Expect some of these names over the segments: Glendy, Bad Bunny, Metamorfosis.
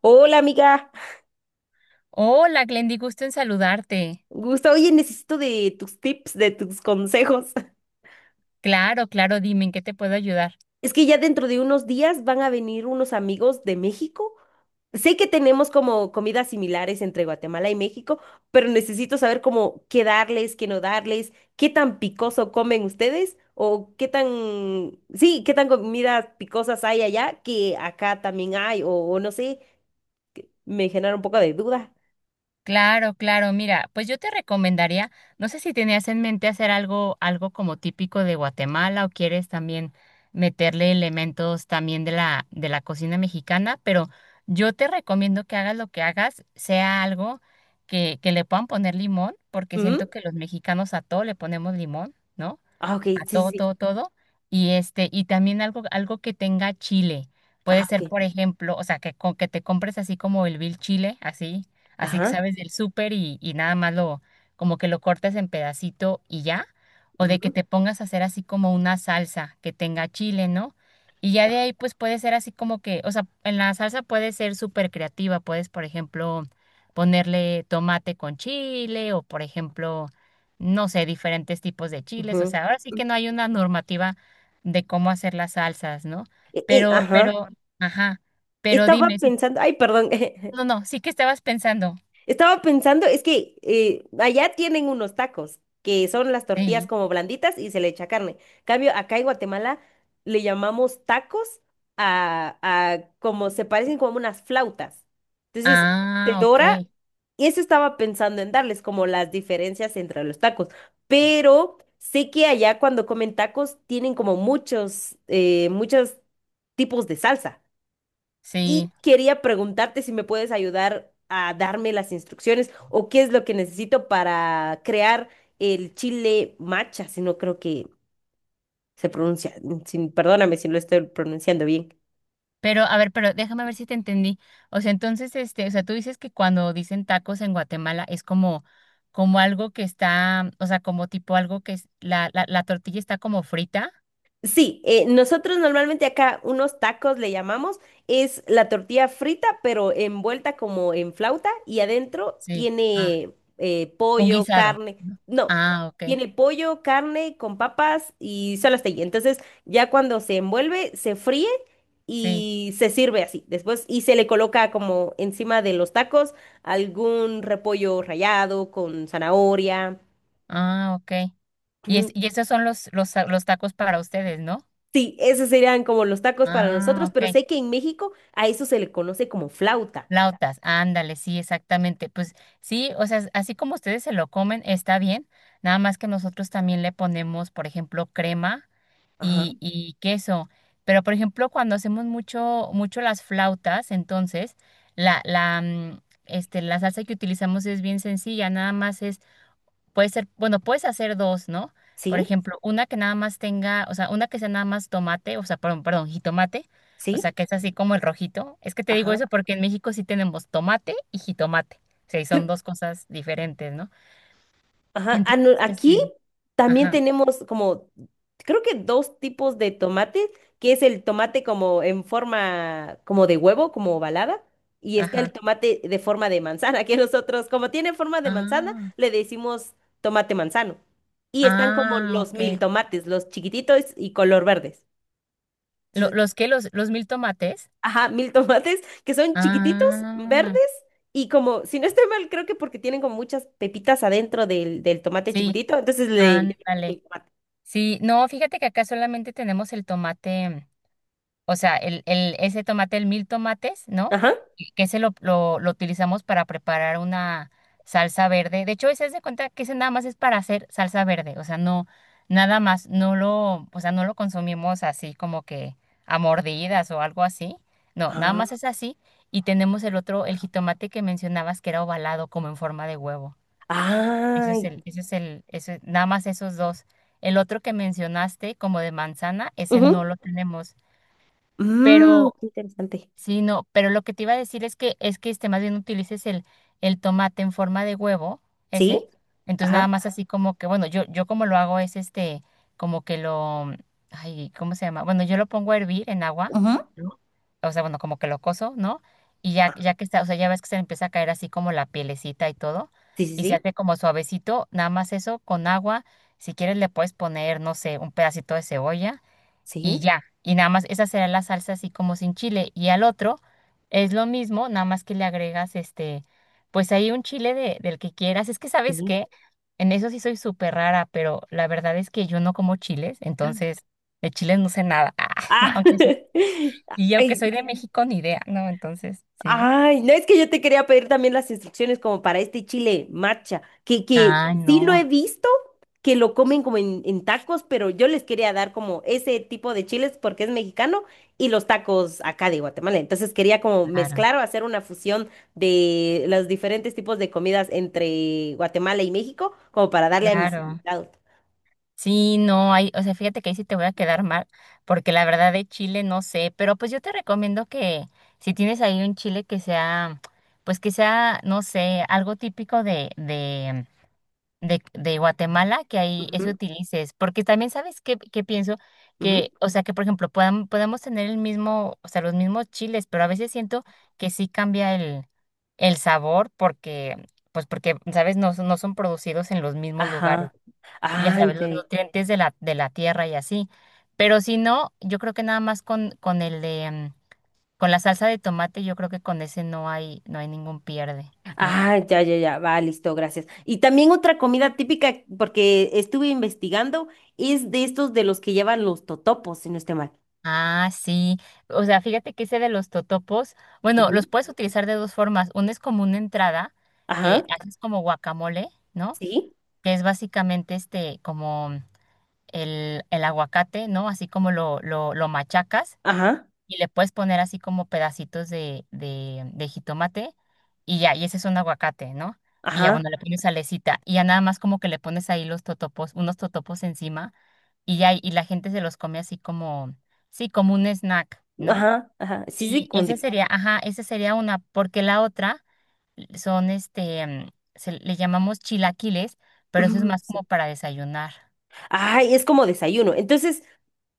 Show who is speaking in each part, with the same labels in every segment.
Speaker 1: Hola amiga,
Speaker 2: Hola, Glendy, gusto en saludarte.
Speaker 1: gusta. Oye, necesito de tus tips, de tus consejos.
Speaker 2: Claro, claro, dime en qué te puedo ayudar.
Speaker 1: Es que ya dentro de unos días van a venir unos amigos de México. Sé que tenemos como comidas similares entre Guatemala y México, pero necesito saber cómo qué darles, qué no darles, qué tan picoso comen ustedes o qué tan, sí, qué tan comidas picosas hay allá que acá también hay o no sé, me genera un poco de duda.
Speaker 2: Claro, claro, mira, pues yo te recomendaría, no sé si tenías en mente hacer algo, algo como típico de Guatemala o quieres también meterle elementos también de la cocina mexicana, pero yo te recomiendo que hagas lo que hagas, sea algo que le puedan poner limón, porque siento
Speaker 1: Ujú.
Speaker 2: que los mexicanos a todo le ponemos limón, ¿no?
Speaker 1: Ah, ok,
Speaker 2: A
Speaker 1: sí, sí,
Speaker 2: todo,
Speaker 1: sí.
Speaker 2: todo, todo. Y este, y también algo, algo que tenga chile. Puede
Speaker 1: Ah, ok.
Speaker 2: ser, por ejemplo, o sea, que, co- que te compres así como el vil chile, así, así que
Speaker 1: Ajá.
Speaker 2: sabes del súper y nada más lo, como que lo cortes en pedacito y ya. O de que
Speaker 1: Ujú,
Speaker 2: te pongas a hacer así como una salsa que tenga chile, ¿no? Y ya de ahí, pues puede ser así como que, o sea, en la salsa puede ser súper creativa. Puedes, por ejemplo, ponerle tomate con chile o, por ejemplo, no sé, diferentes tipos de chiles. O
Speaker 1: ujú.
Speaker 2: sea, ahora sí que no hay una normativa de cómo hacer las salsas, ¿no? Pero,
Speaker 1: Ajá.
Speaker 2: pero, ajá, pero
Speaker 1: Estaba
Speaker 2: dime, sí-
Speaker 1: pensando, ay, perdón.
Speaker 2: no, no, sí que estabas pensando.
Speaker 1: Estaba pensando, es que allá tienen unos tacos, que son las tortillas
Speaker 2: Sí.
Speaker 1: como blanditas y se le echa carne. Cambio, acá en Guatemala le llamamos tacos a como se parecen como unas flautas. Entonces, se
Speaker 2: Ah, ok,
Speaker 1: dora, y eso estaba pensando en darles como las diferencias entre los tacos. Pero sé que allá cuando comen tacos tienen como muchos, muchos tipos de salsa. Y
Speaker 2: sí.
Speaker 1: quería preguntarte si me puedes ayudar a darme las instrucciones o qué es lo que necesito para crear el chile macha, si no creo que se pronuncia, perdóname si no lo estoy pronunciando bien.
Speaker 2: Pero, a ver, pero déjame ver si te entendí. O sea, entonces, este, o sea, tú dices que cuando dicen tacos en Guatemala es como, como algo que está, o sea, como tipo algo que es, la tortilla está como frita.
Speaker 1: Sí, nosotros normalmente acá unos tacos le llamamos, es la tortilla frita, pero envuelta como en flauta y adentro
Speaker 2: Sí. Ah,
Speaker 1: tiene
Speaker 2: un
Speaker 1: pollo,
Speaker 2: guisado.
Speaker 1: carne,
Speaker 2: ¿No?
Speaker 1: no,
Speaker 2: Ah, ok,
Speaker 1: tiene pollo, carne con papas y solo hasta ahí. Entonces ya cuando se envuelve, se fríe
Speaker 2: sí.
Speaker 1: y se sirve así. Después y se le coloca como encima de los tacos algún repollo rallado con zanahoria.
Speaker 2: Ah, ok. Y, es, y esos son los, ta- los tacos para ustedes, ¿no?
Speaker 1: Sí, esos serían como los tacos para
Speaker 2: Ah,
Speaker 1: nosotros,
Speaker 2: ok.
Speaker 1: pero sé que en México a eso se le conoce como flauta.
Speaker 2: Flautas, ándale, sí, exactamente. Pues sí, o sea, así como ustedes se lo comen, está bien. Nada más que nosotros también le ponemos, por ejemplo, crema
Speaker 1: Ajá.
Speaker 2: y queso. Pero, por ejemplo, cuando hacemos mucho, mucho las flautas, entonces, la, la, mm, este, la salsa que utilizamos es bien sencilla, nada más es Puede ser, bueno, puedes hacer dos, ¿no? Por
Speaker 1: Sí,
Speaker 2: ejemplo, una que nada más tenga, o sea, una que sea nada más tomate, o sea, perdón, perdón, jitomate, o sea,
Speaker 1: sí,
Speaker 2: que es así como el rojito. Es que te digo
Speaker 1: ajá,
Speaker 2: eso porque en México sí tenemos tomate y jitomate. O sea, y son dos cosas diferentes, ¿no?
Speaker 1: ajá. Ah,
Speaker 2: Entonces,
Speaker 1: no, aquí
Speaker 2: este,
Speaker 1: también
Speaker 2: ajá,
Speaker 1: tenemos como, creo que dos tipos de tomates, que es el tomate como en forma, como de huevo, como ovalada, y está el
Speaker 2: ajá.
Speaker 1: tomate de forma de manzana, que nosotros, como tiene forma de manzana,
Speaker 2: Ah,
Speaker 1: le decimos tomate manzano. Y están como
Speaker 2: ah,
Speaker 1: los
Speaker 2: ok.
Speaker 1: mil tomates, los chiquititos y color verdes.
Speaker 2: Lo- ¿los qué? Los mil tomates?
Speaker 1: Ajá, mil tomates que son chiquititos, verdes
Speaker 2: Ah,
Speaker 1: y como, si no estoy mal, creo que porque tienen como muchas pepitas adentro del tomate
Speaker 2: sí,
Speaker 1: chiquitito, entonces le llamamos
Speaker 2: ándale.
Speaker 1: mil tomate.
Speaker 2: Sí, no, fíjate que acá solamente tenemos el tomate. O sea, el, ese tomate, el mil tomates, ¿no?
Speaker 1: Ajá.
Speaker 2: Y que ese lo utilizamos para preparar una salsa verde. De hecho, ese es de cuenta que ese nada más es para hacer salsa verde. O sea, no, nada más, no lo, o sea, no lo consumimos así como que a mordidas o algo así. No, nada
Speaker 1: Ah.
Speaker 2: más es así. Y tenemos el otro, el jitomate que mencionabas que era ovalado, como en forma de huevo. Ese es
Speaker 1: Ay.
Speaker 2: el, ese es el, ese, nada más esos dos. El otro que mencionaste, como de manzana, ese no
Speaker 1: Ujú.
Speaker 2: lo tenemos.
Speaker 1: Mm,
Speaker 2: Pero
Speaker 1: qué interesante.
Speaker 2: sí, no, pero lo que te iba a decir es que este más bien utilices el tomate en forma de huevo, ese.
Speaker 1: ¿Sí?
Speaker 2: Entonces nada
Speaker 1: Ajá.
Speaker 2: más así como que, bueno, yo como lo hago es este, como que lo, ay, ¿cómo se llama? Bueno, yo lo pongo a hervir en agua,
Speaker 1: Ujú.
Speaker 2: o sea, bueno, como que lo cozo, ¿no? Y ya, ya que está, o sea, ya ves que se le empieza a caer así como la pielecita y todo,
Speaker 1: Sí, sí,
Speaker 2: y se
Speaker 1: sí.
Speaker 2: hace como suavecito, nada más eso con agua. Si quieres le puedes poner, no sé, un pedacito de cebolla y ya. Y nada más, esa será la salsa así como sin chile. Y al otro es lo mismo, nada más que le agregas este, pues ahí un chile de, del que quieras. Es que,
Speaker 1: Sí,
Speaker 2: ¿sabes
Speaker 1: sí.
Speaker 2: qué? En eso sí soy súper rara, pero la verdad es que yo no como chiles, entonces de chiles no sé nada. Ah, no,
Speaker 1: Ah.
Speaker 2: aunque soy, y aunque
Speaker 1: Ay,
Speaker 2: soy de México, ni idea, ¿no? Entonces, sí.
Speaker 1: Ay, no es que yo te quería pedir también las instrucciones como para este chile marcha, que
Speaker 2: Ah,
Speaker 1: sí lo
Speaker 2: no,
Speaker 1: he visto, que lo comen como en tacos, pero yo les quería dar como ese tipo de chiles porque es mexicano y los tacos acá de Guatemala. Entonces quería como
Speaker 2: claro,
Speaker 1: mezclar o hacer una fusión de los diferentes tipos de comidas entre Guatemala y México, como para darle a mis
Speaker 2: claro.
Speaker 1: invitados.
Speaker 2: Sí, no hay, o sea, fíjate que ahí sí te voy a quedar mal, porque la verdad de Chile no sé, pero pues yo te recomiendo que si tienes ahí un chile que sea, pues que sea, no sé, algo típico de Guatemala, que ahí eso
Speaker 1: Ujú,
Speaker 2: utilices, porque también sabes qué, qué pienso,
Speaker 1: ujú.
Speaker 2: que, o sea, que por ejemplo, podamos podemos tener el mismo, o sea, los mismos chiles, pero a veces siento que sí cambia el sabor, porque, pues porque, sabes, no, son- no son producidos en los mismos lugares
Speaker 1: Ajá.
Speaker 2: y ya
Speaker 1: Ah,
Speaker 2: sabes,
Speaker 1: ya,
Speaker 2: los
Speaker 1: ya.
Speaker 2: nutrientes de la tierra y así. Pero si no, yo creo que nada más con el de, mm, con la salsa de tomate, yo creo que con ese no hay, no hay ningún pierde, ¿no?
Speaker 1: Ah, ya, ya, ya. Va, listo, gracias. Y también otra comida típica, porque estuve investigando, es de estos de los que llevan los totopos, si no estoy mal.
Speaker 2: Ah, sí. O sea, fíjate que ese de los totopos, bueno, los
Speaker 1: Ujú.
Speaker 2: puedes utilizar de dos formas. Uno es como una entrada que
Speaker 1: Ajá,
Speaker 2: haces como guacamole, ¿no?
Speaker 1: sí.
Speaker 2: Que es básicamente este, como el aguacate, ¿no? Así como lo machacas
Speaker 1: Ajá,
Speaker 2: y le puedes poner así como pedacitos de jitomate y ya, y ese es un aguacate, ¿no? Y ya,
Speaker 1: ajá,
Speaker 2: bueno, le pones salecita y ya nada más como que le pones ahí los totopos, unos totopos encima y ya, y la gente se los come así como, sí, como un snack, ¿no?
Speaker 1: ajá, ajá. Sí, sí,
Speaker 2: Sí,
Speaker 1: como
Speaker 2: ese
Speaker 1: tipo.
Speaker 2: sería, ajá, esa sería una, porque la otra son este, mm, se le llamamos chilaquiles, pero eso es más como para desayunar,
Speaker 1: Ay, es como desayuno. Entonces,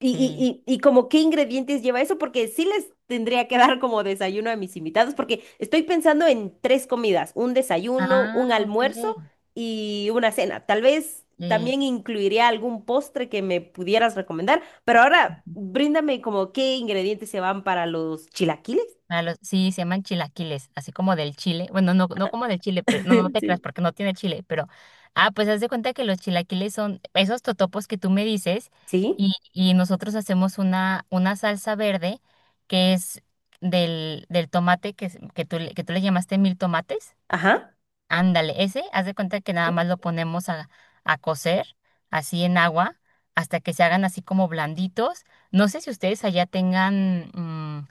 Speaker 1: y,
Speaker 2: sí.
Speaker 1: y, y, y como qué ingredientes lleva eso, porque sí les tendría que dar como desayuno a mis invitados, porque estoy pensando en tres comidas, un desayuno,
Speaker 2: Ah,
Speaker 1: un
Speaker 2: ok.
Speaker 1: almuerzo y una cena. Tal vez
Speaker 2: Sí.
Speaker 1: también incluiría algún postre que me pudieras recomendar, pero ahora bríndame como qué ingredientes se van para los chilaquiles.
Speaker 2: A los- sí, se llaman chilaquiles, así como del chile. Bueno, no, no como del chile, pero no, no te creas
Speaker 1: Sí.
Speaker 2: porque no tiene chile, pero ah, pues haz de cuenta que los chilaquiles son esos totopos que tú me dices
Speaker 1: ¿Sí?
Speaker 2: y nosotros hacemos una salsa verde que es del, del tomate que, es- que tú le llamaste mil tomates.
Speaker 1: Ajá.
Speaker 2: Ándale, ese, haz de cuenta que nada
Speaker 1: Sí,
Speaker 2: más lo ponemos a cocer así en agua hasta que se hagan así como blanditos. No sé si ustedes allá tengan mm,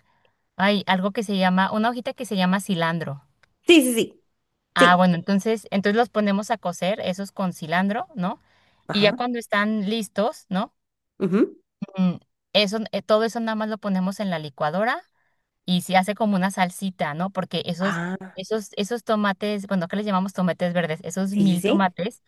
Speaker 2: hay algo que se llama, una hojita que se llama cilantro.
Speaker 1: sí, sí. Sí.
Speaker 2: Ah,
Speaker 1: Sí,
Speaker 2: bueno, entonces, entonces los ponemos a cocer, esos con cilantro, ¿no? Y ya
Speaker 1: ajá.
Speaker 2: cuando están listos, ¿no?
Speaker 1: Ujú,
Speaker 2: Mm, eso, todo eso nada más lo ponemos en la licuadora y se hace como una salsita, ¿no? Porque
Speaker 1: ah,
Speaker 2: esos tomates, bueno, acá les llamamos tomates verdes, esos
Speaker 1: sí, sí,
Speaker 2: mil
Speaker 1: sí.
Speaker 2: tomates,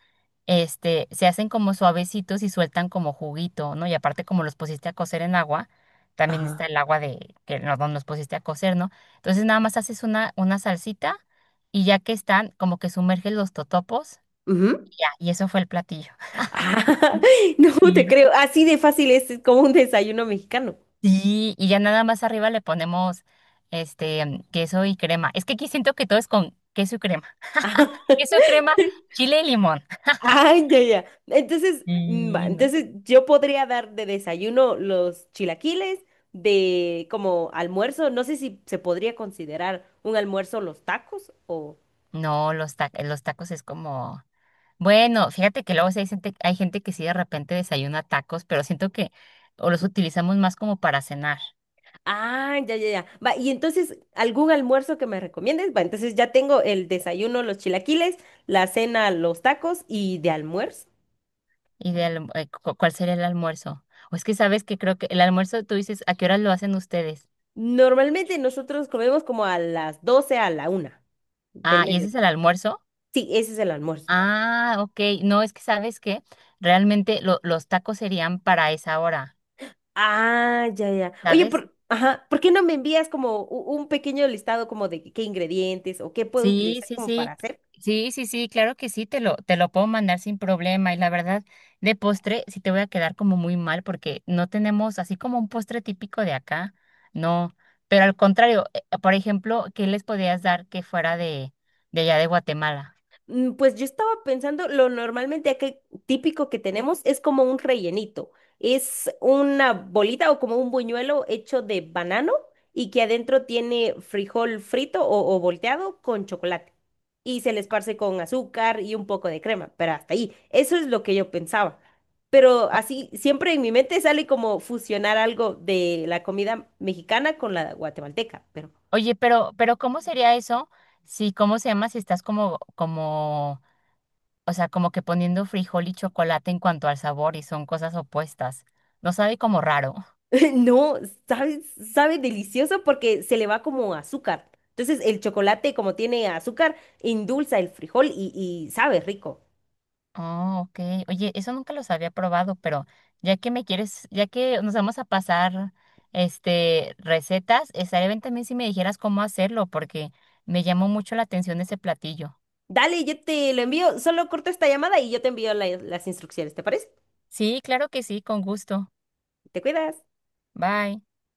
Speaker 2: este, se hacen como suavecitos y sueltan como juguito, ¿no? Y aparte como los pusiste a cocer en agua, también está
Speaker 1: Ajá.
Speaker 2: el agua de que no, no los pusiste a cocer, ¿no? Entonces nada más haces una salsita y ya que están, como que sumerges los totopos,
Speaker 1: Ujú.
Speaker 2: y ya, y eso fue el platillo.
Speaker 1: Ah, no te
Speaker 2: Sí,
Speaker 1: creo. Así de fácil es como un desayuno mexicano.
Speaker 2: sí, y ya nada más arriba le ponemos este queso y crema. Es que aquí siento que todo es con queso y crema. Queso crema, chile y limón.
Speaker 1: Ay, ya, ya. Entonces, va,
Speaker 2: Y no,
Speaker 1: entonces yo podría dar de desayuno los chilaquiles, de como almuerzo, no sé si se podría considerar un almuerzo los tacos o...
Speaker 2: no, los, ta- los tacos es como, bueno, fíjate que luego sí hay gente que sí de repente desayuna tacos, pero siento que o los utilizamos más como para cenar.
Speaker 1: Ah, ya, ya, ya. Va, y entonces, ¿algún almuerzo que me recomiendes? Va, entonces ya tengo el desayuno los chilaquiles, la cena los tacos y de almuerzo.
Speaker 2: ¿Y de alm- cu- cuál sería el almuerzo? O es que sabes que creo que el almuerzo, tú dices, ¿a qué horas lo hacen ustedes?
Speaker 1: Normalmente nosotros comemos como a las 12 a la 1 del
Speaker 2: Ah, ¿y ese es
Speaker 1: mediodía.
Speaker 2: el almuerzo?
Speaker 1: Sí, ese es el almuerzo.
Speaker 2: Ah, ok. No, es que sabes que realmente lo- los tacos serían para esa hora,
Speaker 1: Ah, ya, ya. Oye,
Speaker 2: ¿sabes?
Speaker 1: por, ajá, ¿por qué no me envías como un pequeño listado como de qué ingredientes o qué puedo
Speaker 2: Sí,
Speaker 1: utilizar
Speaker 2: sí,
Speaker 1: como para
Speaker 2: sí.
Speaker 1: hacer?
Speaker 2: Sí, sí, sí, claro que sí, te lo puedo mandar sin problema. Y la verdad, de postre sí te voy a quedar como muy mal porque no tenemos así como un postre típico de acá, no. Pero al contrario, por ejemplo, ¿qué les podías dar que fuera de allá de Guatemala?
Speaker 1: Mm, pues yo estaba pensando, lo normalmente aquí típico que tenemos es como un rellenito. Es una bolita o como un buñuelo hecho de banano y que adentro tiene frijol frito o volteado con chocolate. Y se le esparce con azúcar y un poco de crema, pero hasta ahí. Eso es lo que yo pensaba. Pero
Speaker 2: O-
Speaker 1: así, siempre en mi mente sale como fusionar algo de la comida mexicana con la guatemalteca, pero
Speaker 2: Oye, pero ¿cómo sería eso? Si, ¿cómo se llama? Si estás como, como, o sea, como que poniendo frijol y chocolate en cuanto al sabor y son cosas opuestas. No sabe como raro.
Speaker 1: no, sabe, sabe delicioso porque se le va como azúcar. Entonces el chocolate, como tiene azúcar, endulza el frijol y sabe rico.
Speaker 2: Oh, ok. Oye, eso nunca los había probado, pero ya que me quieres, ya que nos vamos a pasar este recetas, estaría bien también si me dijeras cómo hacerlo, porque me llamó mucho la atención ese platillo.
Speaker 1: Dale, yo te lo envío. Solo corto esta llamada y yo te envío las instrucciones, ¿te parece?
Speaker 2: Sí, claro que sí, con gusto.
Speaker 1: Te cuidas.
Speaker 2: Bye.